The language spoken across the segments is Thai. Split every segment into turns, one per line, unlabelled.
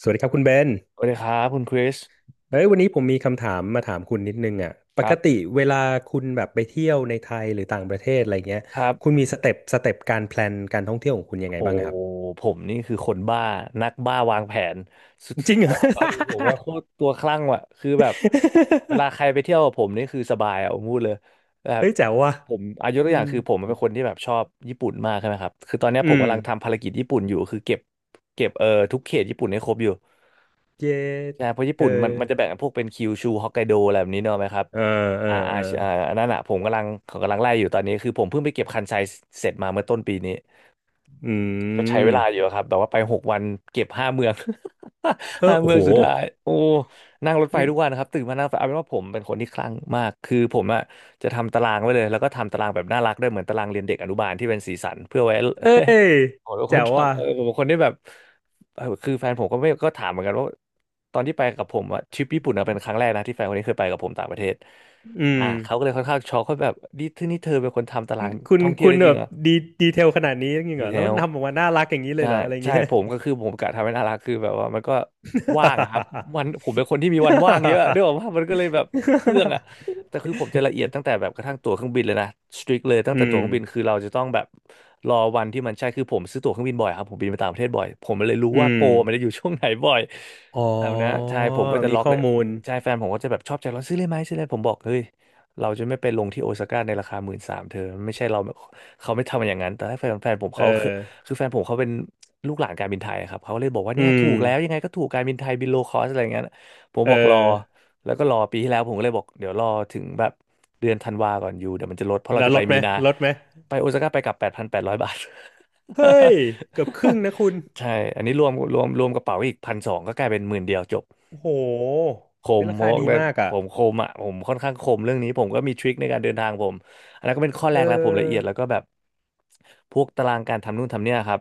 สวัสดีครับคุณเบน
สวัสดีครับคุณคริส
เอ้ยวันนี้ผมมีคำถามมาถามคุณนิดนึงอ่ะป
ครั
ก
บ
ติเวลาคุณแบบไปเที่ยวในไทยหรือต่างประเทศอะไรเงี้ย
ครับ
คุณมีสเต็ปการแพลนการท่องเที่ยวของคุณยังไง
โอ้
บ้างครับ
ผมนี่คือคนบ้านักบ้าวางแผนสุ
จริ
ด
งเหรอ
ๆเออผมว่าโคตรตัวคลั่งว่ะคือแบบเวลา ใครไปเที่ยวกับผมนี่คือสบายอ่ะผมพูดเลยแบบ
เฮ้ยแจ๋วว่ะ
ผมอายก
อื
ตัวอย่า
ม
งคือผมเป็นคนที่แบบชอบญี่ปุ่นมากใช่ไหมครับคือตอนเนี้ยผ
อื
ม
ม
กำลังทำภารกิจญี่ปุ่นอยู่คือเก็บทุกเขตญี่ปุ่นให้ครบอยู่
เย้
ใช่เพราะญี่
เออ
ปุ่นมันจะแบ่งพวกเป็นคิวชูฮอกไกโดอะไรแบบนี้เนอะไหมครับ
เออ เออ เออ
อันนั้นอ่ะผมกำลังเขากำลังไล่อยู่ตอนนี้คือผมเพิ่งไปเก็บคันไซเสร็จมาเมื่อต้นปีนี้
อื
ก็ใช้เว
ม
ลาอยู่ครับแบบว่าไป6 วันเก็บห้าเมือง
เอ
ห้า
อโอ้
เมือ
โห
งสุดท้ายโอ้นั่งรถไฟ
นี่
ทุกวันครับตื่นมานั่งรถไฟเอาเป็นว่าผมเป็นคนที่คลั่งมากคือผมอะจะทำตารางไว้เลยแล้วก็ทำตารางแบบน่ารักด้วยเหมือนตารางเรียนเด็กอนุบาลที่เป็นสีสันเพื่อไว้
เอ้ย
ผมเป็นค
แจ๋
น
วว่ะ
ทำเออผมเป็นคนที่แบบเออคือแฟนผมก็ไม่ก็ถามเหมือนกันว่าตอนที่ไปกับผมอะทริปญี่ปุ่นอะเป็นครั้งแรกนะที่แฟนคนนี้เคยไปกับผมต่างประเทศ
อื
อ่า
ม
เขาก็เลยค่อนข้างช็อกเขาแบบนี่ที่นี่เธอเป็นคนทำตาราง
คุณ
ท่องเที่ย
คุ
ว
ณ
ได้จ
แบ
ริง
บ
เหรอ
ดีดีเทลขนาดนี้จริง
ดี
เหรอ
เท
แล้วมั
ล
นทำออกมาน่ารักอย่างนี้เลย
ใช่
เหรออะไร
ใช่
เงี้ย
ผมก็คือผมกะทำให้น่ารักคือแบบว่ามันก็ ว่างอะครับวันผมเป็นคนที่มีวันว่างเยอะด้วยว่ามันก็เลยแบบเฟื่องอะแต่คือผมจะละเอียดตั้งแต่แบบกระทั่งตั๋วเครื่องบินเลยนะสตริกเลยตั้ง
อื
แต่ตั๋
ม
วเครื่องบินคือเราจะต้องแบบรอวันที่มันใช่คือผมซื้อตั๋วเครื่องบินบ่อยครับผมบินไปต่างประเทศบ่อยผมเลยรู้
อื
ว่าโป
ม
รมันจะอยู่ช่วงไหนบ่อย
อ๋อ
ครบนะใช่ผมก็จะ
มี
ล็อก
ข้อ
เลย
มูล
ใช่แฟนผมก็จะแบบชอบใจร้อนซื้อเลยไหมซื้อเลยผมบอกเฮ้ยเราจะไม่ไปลงที่โอซาก้าในราคา13,000เธอไม่ใช่เรา เขาไม่ทำอย่างนั้นแต่แฟนผม
เอ
เขาคือ
อ
คือแฟนผมเขาเป็นลูกหลานการบินไทยครับเขาเลยบอกว่า
อื
เนี่ยถู
ม
กแล้วยังไงก็ถูกการบินไทยบินโลคอสอะไรอย่างเงี้ยผม
เอ
บอกรอ
อ
แล้วก็รอปีที่แล้วผมก็เลยบอกเดี๋ยวรอถึงแบบเดือนธันวาก่อนอยู่เดี๋ยวมันจะลดเพราะเรา
แล้ว
จะ
ล
ไป
ดไหม
มีนา
ลดไหม
ไปโอซาก้าไปกลับ8,800 บาท
เฮ้ยเกือบครึ่งนะคุณ
ใช่อันนี้รวมกระเป๋าอีก1,200ก็กลายเป็น10,000จบ
โอ้โห
ค
ได้
ม
รา
โฮ
คา
ก
ดี
เลย
มากอ่ะ
ผมคมอ่ะผมค่อนข้างคมเรื่องนี้ผมก็มีทริคในการเดินทางผมอันนั้นก็เป็นข้อแร
เอ
กแล้วผมละเอียด
อ
แล้วก็แบบพวกตารางการทำนู่นทำเนี่ยครับ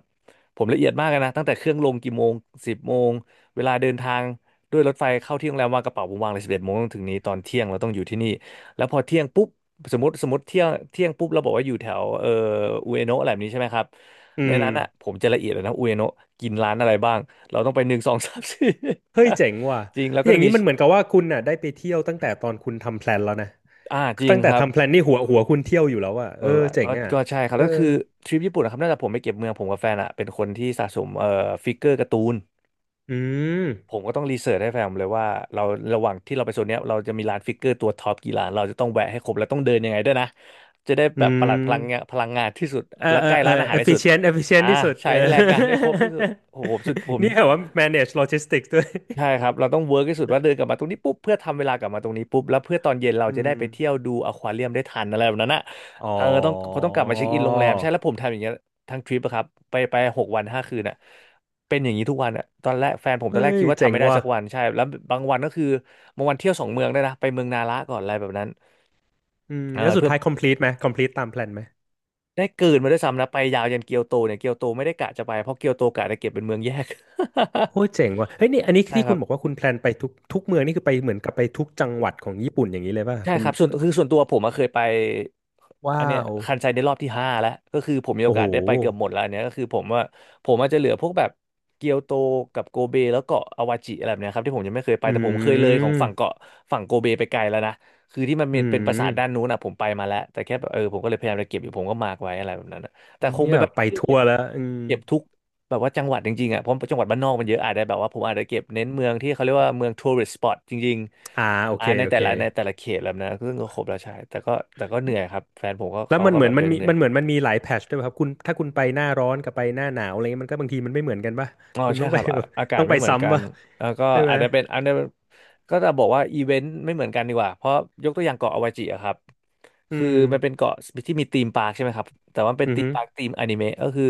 ผมละเอียดมากเลยนะตั้งแต่เครื่องลงกี่โมง10 โมงเวลาเดินทางด้วยรถไฟเข้าที่โรงแรมวางกระเป๋าผมวางเลย11 โมงต้องถึงนี้ตอนเที่ยงเราต้องอยู่ที่นี่แล้วพอเที่ยงปุ๊บสมมติเที่ยงปุ๊บเราบอกว่าอยู่แถวอุเอโนะอะไรแบบนี้ใช่ไหมครับ
อื
ใน
ม
นั้นอ่ะผมจะละเอียดเลยนะอุเอโนะกินร้านอะไรบ้างเราต้องไปหนึ่งสองสามสี่
เฮ้ยเจ๋งว่ะ
จริงแล้วก็
อย่า
จะ
ง
มี
นี้มันเหมือนกับว่าคุณน่ะได้ไปเที่ยวตั้งแต่ตอนคุณทำแพลนแล้วนะ
อ่าจริง
ตั้งแต่
ครับ
ทำแพลนนี่หัวคุณเที่ยวอยู่แล้วอ่ะ
เอ
เอ
อ
อเจ๋
ก็
งอ่ะ
ก็ใช่ครับ
เออ
แล้วคือทริปญี่ปุ่นนะครับน่าจะผมไปเก็บเมืองผมกับแฟนอะเป็นคนที่สะสมฟิกเกอร์การ์ตูน
อืม
ผมก็ต้องรีเสิร์ชให้แฟนผมเลยว่าเราระหว่างที่เราไปโซนเนี้ยเราจะมีร้านฟิกเกอร์ตัวท็อปกี่ร้านเราจะต้องแวะให้ครบแล้วต้องเดินยังไงด้วยนะจะได้
อื
แบบประห
ม
ลัดพลังงานที่สุด
เออ
แล้ว
เออ
ใกล้
เออ
ร้านอาหารที่สุด
efficient
อ่า
efficient ที่สุด
ใช้
เออ
ให้แรงงานได้ครบที่สุดโอ้โหผมสุดผ ม
นี่แหรอว่า manage logistics ด้วย
ใช่ครับ เราต้องเวิร์กที่สุดว่าเดินกลับมาตรงนี้ปุ๊บเพื่อทำเวลากลับมาตรงนี้ปุ๊บแล้วเพื่อตอนเย็นเรา
อื
จะได้
ม
ไปเที่ยวดูอควาเรียมได้ทันอะไรแบบนั้นอ่ะ
อ๋อ
เออต้องพอต้องกลับมาเช็คอินโรงแรมใช่แล้วผมทำอย่างเงี้ยทั้งทริปอะครับไป6 วัน 5 คืนอ่ะเป็นอย่างนี้ทุกวันอ่ะตอนแรกแฟนผมต
เฮ้
อนแรกคิ
ย
ดว่า
เจ๋
ทำ
ง
ไม่ได้
ว่ะ
สักวันใช่แล้วบางวันก็คือบางวันเที่ยว2 เมืองได้วยนะไปเมืองนาระก่อนอะไรแบบนั้น
อืม
เออ
แล้วสุด
เพื่อ
ท้าย complete ไหม complete ตามแพลนไหม
ได้เกิดมาด้วยซ้ำนะไปยาวยันเกียวโตเนี่ยเกียวโตไม่ได้กะจะไปเพราะเกียวโตกะจะเก็บเป็นเมืองแยก
โอ้ยเจ๋งว่ะเฮ้ยนี่อันนี้
ใช่
ที่
ค
คุ
รั
ณ
บ
บอกว่าคุณแพลนไปทุกเมืองนี่คือไปเหมือนกับไปทุกจังหวัดของญี่ปุ่นอย่างนี้เลยป่ะ
ใช่
เป็น
ครับส่วนคือส่วนตัวผมอะเคยไป
ว้า
อันเนี้ย
ว
คันไซในรอบที่ห้าแล้วก็คือผมมีโอ
โอ้โห
กาสได้ไปเกือบหมดแล้วอันเนี้ยก็คือผมว่าผมอาจจะเหลือพวกแบบเกียวโตกับโกเบแล้วเกาะอาวาจิอะไรแบบเนี้ยครับที่ผมยังไม่เคยไป
อื
แต่ผมเคยเลยของฝั่ง
ม
เกาะฝั่งโกเบไปไกลแล้วนะคือที่มัน
อื
เป็นปราสาทด้าน
ม
นู้นอะผมไปมาแล้วแต่แค่แบบเออผมก็เลยพยายามจะเก็บอยู่ผมก็มาร์กไว้อะไรแบบนั้นอะแต่คง
เนี่
เป็
ย
นแบบ
ไป
ที่
ทั
เก็
ว
บ
ร์แล้วอืม
เก็บทุกแบบว่าจังหวัดจริงๆอ่ะเพราะจังหวัดบ้านนอกมันเยอะอาจจะแบบว่าผมอาจจะเก็บเน้นเมืองที่เขาเรียกว่าเมืองทัวริสต์สปอตจริง
อ่าโอ
อ่า
เค
ใน
โอ
แต่
เค
ละในแต่ละเขตแล้วนะซึ่งก็ครบแล้วใช่แต่ก็แต่ก็เหนื่อยครับแฟนผมก็
แล้ว
เขา
มัน
ก็
เหมื
แบ
อน
บ
มั
เดิ
น
น
มี
เหนื่อย
มันเหมือนมันมีหลายแพทชด้วยป่ะครับคุณถ้าคุณไปหน้าร้อนกับไปหน้าหนาวอะไรเงี้ยมันก็บางทีมันไม่เหมือนกันป่ะ
อ๋อ
คุณ
ใช่
ต้อง
ค
ไป
รับ อ่ะ
แบบ
อากาศ
ต้องไป
ไม่เหมือนกั
ซ้ำ
น
ป่ะ
แล้วก็
ใช่ไหม
อาจจะเป็นอันนี้ก็จะบอกว่าอีเวนต์ไม่เหมือนกันดีกว่าเพราะยกตัวอย่างเกาะอวาจิอะครับ
อื
คือ
ม
มันเป็นเกาะที่มีธีมปาร์คใช่ไหมครับแต่ว่าเป็น
อือ
ธีม
ฮึ
ปาร์คธีมอนิเมะก็คือ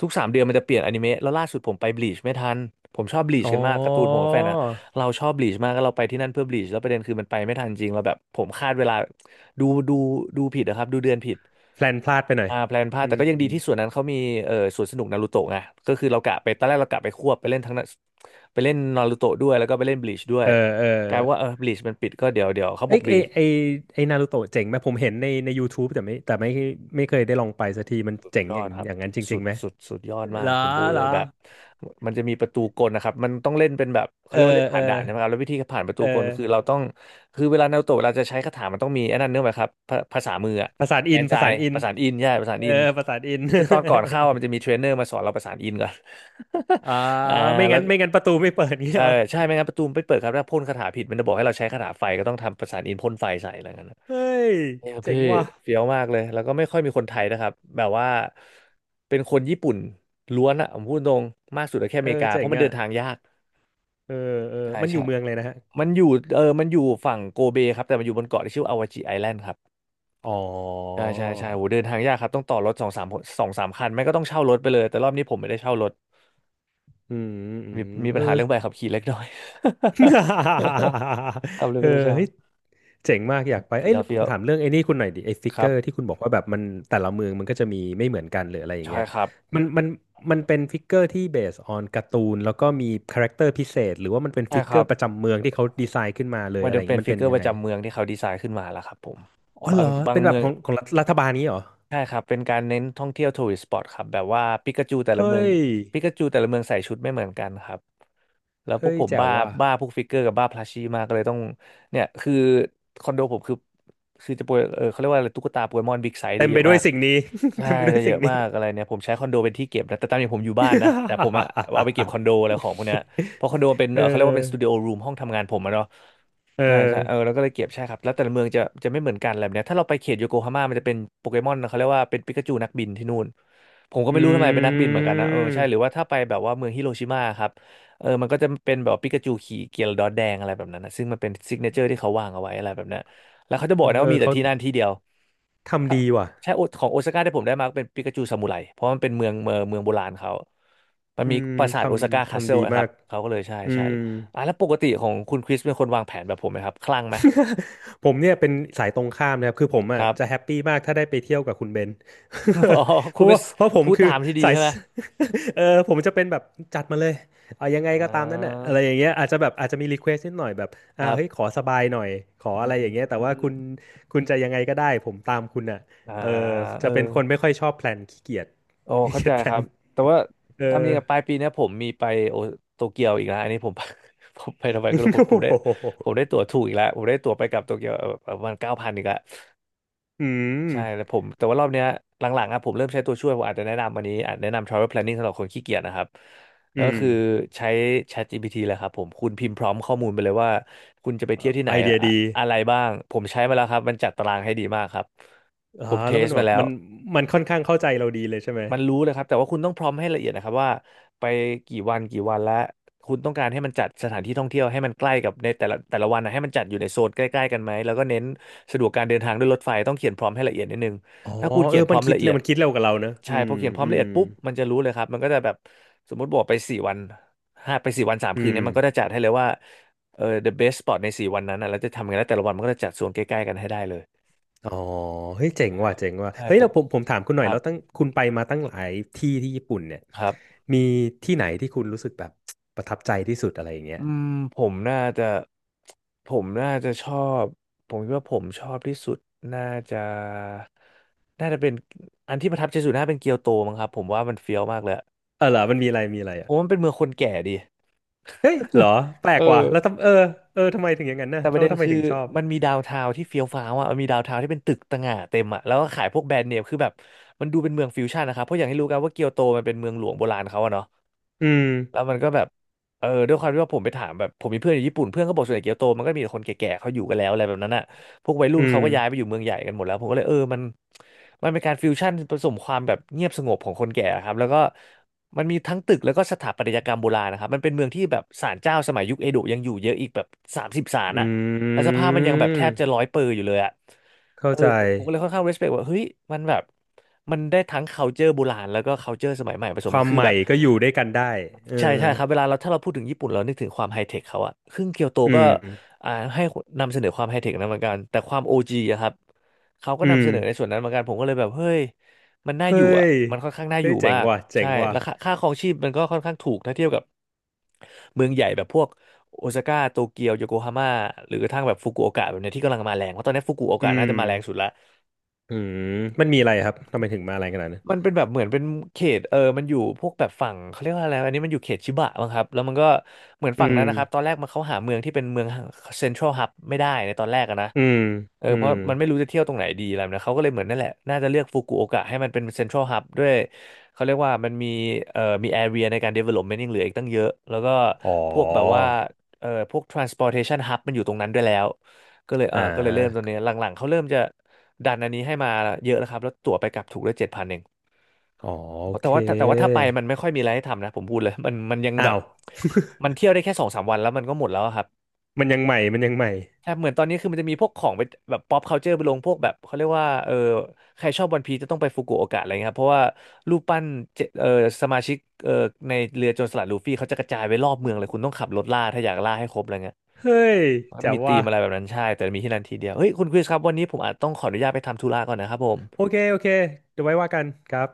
ทุก3 เดือนมันจะเปลี่ยนอนิเมะแล้วล่าสุดผมไปบลีชไม่ทันผมชอบบลีช
อ๋อ
กันมากการ์ตูนผมกับแฟนอะ เราชอบบลีชมากแล้วเราไปที่นั่นเพื่อบลีชแล้วประเด็นคือมันไปไม่ทันจริงเราแบบผมคาดเวลาดูดูดูผิดนะครับดูเดือนผิด
แพลนพลาดไปหน่อย
อ่าแพลนพลาด
อื
แต่ก็ยัง
ม
ดีที่ส่วนนั้นเขามีสวนสนุกนารูโตะไงก็คือเรากะไปตอนแรกเรากะไปควบไปเล่นทั้งนั้นไปเล่นนารูโตะด้วยแล้วก็ไปเล่นบลีชด้วย
เออเออ
กลายเป็นว่าเออบลีชมันปิดก็เดี๋ยวเขา
ไอ
บอ
ย
กบลี
ไอ
ช
ไอไอนารูโตะเจ๋งไหมผมเห็นใน YouTube แต่ไม่แต่ไม่ไม่เคยได้ลองไปสักทีมันเจ๋ง
ยอ
อย่า
ด
ง
ครั
อ
บ
ย่างนั้นจ
สุ
ริง
ด
ๆไหม
สุดสุดยอด
เห
มา
ร
ก
อ
ผมพูด
เหร
เล
อ
ยแบบมันจะมีประตูกลนะครับมันต้องเล่นเป็นแบบเขา
เอ
เรี
อ
ยกว่าเล่น
เอ
ผ่า
อ
นด่านใช่ไหมครับแล้ววิธีผ่านประตู
เ
กลคือ
ออ
เราต้องคือเวลานารูโตะเวลาจะใช้คาถามันต้องมีไอ้นั่นเนื่องไหมครับภาษามืออะ
ประสานอิ
แอ
น
น
ป
ไซ
ระสานอิ
ป
น
ระสานอินใช่ประสาน
เอ
อิ
อ
น
ประสานอิน
คือตอนก่อนเข้าอะมันจะมีเทรนเนอร์มาสอนเราประสานอินก่อน
อ่า
อ่า
ไม่
แล้
งั้
ว
นไม่งั้นประตูไม่เปิดเงี้ย
ใช่
เหรอ
ใช่ไม่งั้นประตูมันไม่เปิดครับถ้าพ่นคาถาผิดมันจะบอกให้เราใช้คาถาไฟก็ต้องทำประสานอินพ่นไฟใส่อะไรเงี้ย
เฮ้ย
เนี่ยครับ
เจ๋
พี่
งว่ะ
เฟี้ยวมากเลย แล้วก็ไม่ค่อยมีคนไทยนะครับ แบบว่าเป็นคนญี่ปุ่นล้วนอะผมพูดตรงมากสุดก็แค่อ
เออ
เมริกา เพ
เจ๋ง
ราะมันเดิ
อ่ะ
นทางยาก
เออเออ
ใช่
มันอ
ใช่
ยู่เมืองเลยนะฮะ
มันอยู่เออมันอยู่ฝั่งโกเบครับ แต่มันอยู่บนเกาะที่ชื่ออาวาจิไอแลนด์ครับ
อ๋อ
ใช่โหเดินทางยากครับต้องต่อรถสองสามสองสามคันไม่ก็ต้องเช่ารถไปเลย แต่รอบนี้ผมไม่ได้เช่ารถ
อืมอื
มี
ม
มี
เอ
ปั
อ
ญหาเรื่องใบขับขี่เล็กน้อย คับเล ย
เออ
ไม่ได้
เฮ้ย
เช่า
เจ๋งมากอยากไปเอ้
เฟี้
ย
ยว
ผ
เฟี้
ม
ยว
ถามเรื่องไอ้นี่คุณหน่อยดิไอ้ฟิก
ค
เก
รั
อร์ที่
บ
คุณบอกว่าแบบมันแต่ละเมืองมันก็จะมีไม่เหมือนกันหรืออะไรอย่าง
ใช่
เงี้ย
ครับ
มันมันมันเป็นฟิกเกอร์ที่เบสออนการ์ตูนแล้วก็มีคาแรคเตอร์พิเศษหรือว่ามันเป็น
ใช่
ฟิก
ค
เกอ
รั
ร์
บ
ประจำเมืองที่เขาดีไซน์ขึ้นมาเลย
มัน
อะไร
จะ
อย่าง
เป็
เงี้
น
ยมัน
ฟิก
เป็น
เกอร์
ยั
ป
งไง
ระจำเมืองที่เขาดีไซน์ขึ้นมาแล้วครับผม
อ๋อ
บา
เหร
ง
อ
บาง
เป็นแบ
เมื
บ
อง
ของรัฐบาลนี้เหรอ
ใช่ครับเป็นการเน้นท่องเที่ยวทัวริสต์สปอตครับแบบว่าปิกาจูแต่ละเมื
เฮ้
อง
ย
ปิกาจูแต่ละเมืองใส่ชุดไม่เหมือนกันครับแล้วพวก
เฮ้ย
ผม
แจ๋ว
บ้า
ว่ะ
บ้าพวกฟิกเกอร์กับบ้าพลัชชี่มากก็เลยต้องเนี่ยคือคอนโดผมคือจะโปรยเออเขาเรียกว่าอะไรตุ๊กตาโปเกมอนบิ๊กไซส์
เต็
ได้
ม
เย
ไป
อะ
ด้ว
มา
ย
ก
สิ่งนี้
ใช่
เต็มไปด้ว
จะ
ย
เย
สิ่ง
อะ
นี้
มากอะไรเนี่ยผมใช้คอนโดเป็นที่เก็บนะแต่ตามจริงผมอยู่บ้านนะแต่ผมอะเอาไปเก็บคอนโดอะไรของพวกเนี้ยเพราะคอนโดมันเป็น
เออ
เขาเรียกว่าเป็นสตูดิโอรูมห้องทำงานผมอะเนาะ
เอ
ใช่ใช่
อ
เออแล้วก็เลยเก็บใช่ครับแล้วแต่ละเมืองจะไม่เหมือนกันอะไรแบบเนี้ยถ้าเราไปเขตโยโกฮาม่ามันจะเป็นโปเกมอนเขาเรียกว่าเป็นปิกาจูนักบินที่นู่นผมก็
อื
ไม่รู้ทำไมเป็นนักบินเหมือนกันนะเออใช่หรือ
ม
ว่าถ้าไปแบบว่าเมืองฮิโรชิมาครับเออมันก็จะเป็นแบบปิกาจูขี่เกียร์ดอทแดงอะไรแบบนั้นนะซึ่งมันเป็นซิกเนเจอร์ที่เขาวางเอาไว้อะไรแบบนั้นแล้วเขาจะบอกนะ
เอ
ว่า
อ
มีแต่
เขา
ที่นั่นที่เดียว ถ้า
ทำดีว่ะ
ใช่โอของโอซาก้าที่ผมได้มาเป็นปิกาจูซามูไรเพราะมันเป็นเมืองโบราณเขา มัน
อื
มี
ม
ปราสา
ท
ทโอซาก้า
ำ
คาสเซิ
ทำ
ล
ดี
นะค
มา
รับ
ก
เขาก็เลยใช่
อื
ใช่
ม
อ่ะแล้วปกติของคุณคริสเป็นคนวางแผนแบบผมไหมครับคลั่งไหม
ผมเนี่ยเป็นสายตรงข้ามนะครับคือผม
ค
อ่ะ
รับ
จะแฮปปี้มากถ้าได้ไปเที่ยวกับคุณเบน
อ๋อ
เพ
คุณ
ราะ
เป็น
ว่าเพราะผม
ผู้
คื
ตา
อ
มที่ดี
สาย
ใช่ไหม
เออผมจะเป็นแบบจัดมาเลยเอายังไง
อ่
ก็ตามนั้นน่ะอะไรอ
า
ย่างเงี้ยอาจจะแบบอาจจะมีรีเควสนิดหน่อยแบบ
ค
อ่า
รั
เฮ้ย
บ
ขอสบายหน่อยขอ
อื
อะไรอย่างเงี้ยแต่ว่า
ม
คุณจะยังไงก็ได้ผมตามคุณอ่ะ
อ่า
เออ
เอ
จะ
อ
เป็นคนไม่ค่อยชอบแพลนขี้เกียจ
โอ้
ขี้
เข้า
เกี
ใจ
ยจแพล
ครั
น
บ แต่ว่า
เออ
ตามจริงกับปลายปีเนี้ยผมมีไปโอโตเกียวอีกแล้วอันนี้ผม ผมไปทำไมก็รู้ผม ผ
โอ้
มได้
โ
ผม
ห
ได้ตั๋วถูกอีกแล้วผมได้ตั๋วไปกลับโตเกียวประมาณ9,000อีกแล้ว
อืม
ใช่แล้วผมแต่ว่ารอบเนี้ยหลังๆอะผมเริ่มใช้ตัวช่วยผมอาจจะแนะนำวันนี้อาจแนะนำ travel planning สำหรับคนขี้เกียจนะครับ
อื
ก็
ม
คือใช้ ChatGPT เลยครับผมคุณพิมพ์พร้อมข้อมูลไปเลยว่าคุณจะไป
เอ่
เที่ยว
อ
ที่ไหน
ไอเดี
อะ
ยดี
อะไรบ้างผมใช้มาแล้วครับมันจัดตารางให้ดีมากครับ
อ๋อ
ผมเท
แล้ว
ส
มันแบ
มา
บ
แล้ว
มันมันค่อนข้างเข้าใจเราดีเลยใช่ไหม
มันรู้เลยครับแต่ว่าคุณต้องพร้อมให้ละเอียดนะครับว่าไปกี่วันกี่วันและคุณต้องการให้มันจัดสถานที่ท่องเที่ยวให้มันใกล้กับในแต่ละวันนะให้มันจัดอยู่ในโซนใกล้ๆกันไหมแล้วก็เน้นสะดวกการเดินทางด้วยรถไฟต้องเขียนพร้อมให้ละเอียดนิดนึง
อ๋อ
ถ้าคุณ
เอ
เขี
อ
ยนพร้
มั
อ
น
ม
คิด
ละเอี
เร็
ย
ว
ด
มันคิดเร็วกว่าเราเนอะอื
ใช่พ
ม
อเขียนพร้อ
อื
มละ
ม
เอียดปุ๊บมันจะรู้เลยครับมันก็จะแบบสมมติบอกไปสี่วันห้าไปสี่วันสาม
อื
คืนเนี่ยมันก็จะ
ม
จัดให้เลยว่าเออ the best spot ใน4 วันนั้นนะแล้วจะทำยังไงแล้วแต่ละวันมันก็จะจัดโซนใกล้ๆกันให้ได้เลย
อ๋อเฮ้ยเจ๋ง
ใช่
ว่ะเจ๋งว่ะ
ใช่
เฮ้ย
ผ
เรา
ม
ผมถามคุณหน่
ค
อย
รั
แล้
บ
วตั้งคุณไปมาตั้งหลายที่ญี่ปุ่นเนี่ย
ครับ
มีที่ไหนที่คุณรู้สึกแบบประทับใจที่สุดอะไรอย่างเงี้ย
อืมผมน่าจะผมน่าจะชอบผมคิดว่าผมชอบที่สุดน่าจะน่าจะเป็นอันที่ประทับใจสุดน่าเป็นเกียวโตมั้งครับผมว่ามันเฟี้ยวมากเลยอะ
เออเหรอมันมีอะไร
ผ
อ่ะ
มว่ามันเป็นเมืองคนแก่ดี
เฮ้ยเหรอแปล
เอ
กว่ะ
อ
แล้วทำเออเออทำไมถึงอย่างนั้นนะ
แต่ป
แล้
ระ
ว
เด็น
ทำไม
คือ
ถึงชอบ
มันมีดาวน์ทาวน์ที่เฟี้ยวฟ้าวอ่ะมันมีดาวน์ทาวน์ที่เป็นตึกต่างหาเต็มอ่ะแล้วก็ขายพวกแบรนด์เนมคือแบบมันดูเป็นเมืองฟิวชั่นนะครับเพราะอย่างที่รู้กันว่าเกียวโตมันเป็นเมืองหลวงโบราณเขาอะเนาะ
อืม
แล้วมันก็แบบเออด้วยความที่ว่าผมไปถามแบบผมมีเพื่อนอยู่ญี่ปุ่นเพื่อนก็บอกส่วนใหญ่เกียวโตมันก็มีแต่คนแก่ๆเขาอยู่กันแล้วอะไรแบบนั้นอ่ะพวกวัยรุ่
อื
นเขา
ม
ก็ย้ายไปอยู่เมืองใหญ่กันหมดแล้วผมก็เลยเออมันเป็นการฟิวชั่นผสมความแบบเงียบสงบของคนแก่ครับแล้วก็มันมีทั้งตึกแล้วก็สถาปัตยกรรมโบราณนะครับมันเป็นเมืองที่แบบศาลเจ้าสมัยยุคเอโดะยังอยู่เยอะอีกแบบ30ศาล
อื
อ่ะแล้วสภาพมันยังแบบแทบจะ
ม
ร้อยเปอร์อยู่เลยอ่ะ เอ
เข้า
อ
ใจ
ผมก็เลยค่อนข้าง respect ว่าเฮ้ยมันแบบมันได้ทั้ง culture โบราณแล้วก็ culture สมัยใหม่ผส
ค
มกั
วา
น
ม
คือ
ให
แบ
ม่
บ
ก็อยู่ด้วยกันได้เอ
ใช่
อ
ใช่ครับเวลาเราถ้าเราพูดถึงญี่ปุ่นเรานึกถึงความไฮเทคเขาอะซึ่งเกียวโต
อื
ก็
ม
อ่าให้นำเสนอความไฮเทคนั้นเหมือนกันแต่ความโอจีอะครับเขาก็
อื
นำเส
ม
นอในส่วนนั้นเหมือนกันผมก็เลยแบบเฮ้ยมันน่า
เฮ้
อยู่อะ
ย
มันค่อนข้างน่าอ
เฮ้
ยู่
ยเจ๋
มา
ง
ก
ว่ะเจ๋
ใช่
งว่ะ
แล้วค่าครองชีพมันก็ค่อนข้างถูกถ้าเทียบกับเมืองใหญ่แบบพวก โอซาก้าโตเกียวโยโกฮาม่าหรือกระทั่งแบบฟุกุโอกะแบบเนี้ยที่กำลังมาแรงเพราะตอนนี้ฟุกุโอกะ
อืม
น่าจะมาแรงสุดละ
อืมมันมีอะไรครับทำไมถึงมาอะไรขนาดนั้น
มันเป็นแบบเหมือนเป็นเขตมันอยู่พวกแบบฝั่งเขาเรียกว่าอะไรอันนี้มันอยู่เขตชิบะมั้งครับแล้วมันก็เหมือน
อื
ฝั่ง
ม
นั้นนะครับตอนแรกมันเขาหาเมืองที่เป็นเมืองเซ็นทรัลฮับไม่ได้ในตอนแรกอะนะ
อืม
เออ
อื
เพราะ
ม
มันไม่รู้จะเที่ยวตรงไหนดีอะไรแบบนะเขาก็เลยเหมือนนั่นแหละน่าจะเลือกฟุกุโอกะให้มันเป็นเซ็นทรัลฮับด้วยเขาเรียกว่ามันมีมีแอเรียในการ development ยังเหลืออีกตั้งเยอะแล้วก็
อ๋อ
พวกแบบว่าพวก transportation hub มันอยู่ตรงนั้นด้วยแล้วก็เลยเอ
อ่
อก็เลยเริ่มตรง
า
นี้หลังๆเขาเริ่มจะดันอันนี้ให้มาเยอะแล้วครับแล้วตั๋วไปกลับถูกได้7,000เอง
อ๋อโอ
แต่
เค
ว่าแต่ว่าถ้าไปมันไม่ค่อยมีอะไรให้ทำนะผมพูดเลย มันยังแบ
อ้า
บ
ว
มันเที่ยวได้แค่สองสามวันแล้วมันก็หมดแล้วอะครับ
มันยังใหม่
ใช่เหมือนตอนนี้คือมันจะมีพวกของไปแบบ pop culture ไปลงพวกแบบเขาเรียกว่าเออใครชอบวันพีจะต้องไปฟุกุโอกะอะไรเงี้ยครับเพราะว่ารูปปั้นเจสมาชิกเออในเรือโจรสลัดลูฟี่เขาจะกระจายไปรอบเมืองเลยคุณต้องขับรถล่าถ้าอยากล่าให้ครบอะไรเงี้ย
เฮ้ย
มันก็
แจ๋
จะ
ว
มีธี
ว่ะ
มอะไรแบบนั้นใช่แต่มีที่นั่นทีเดียวเฮ้ยคุณคริสครับวันนี้ผมอาจต้องขออนุญาตไปทำธุระก่อนนะครับผม
โอเคโอเคเดี๋ยวไว้ว่ากันครับ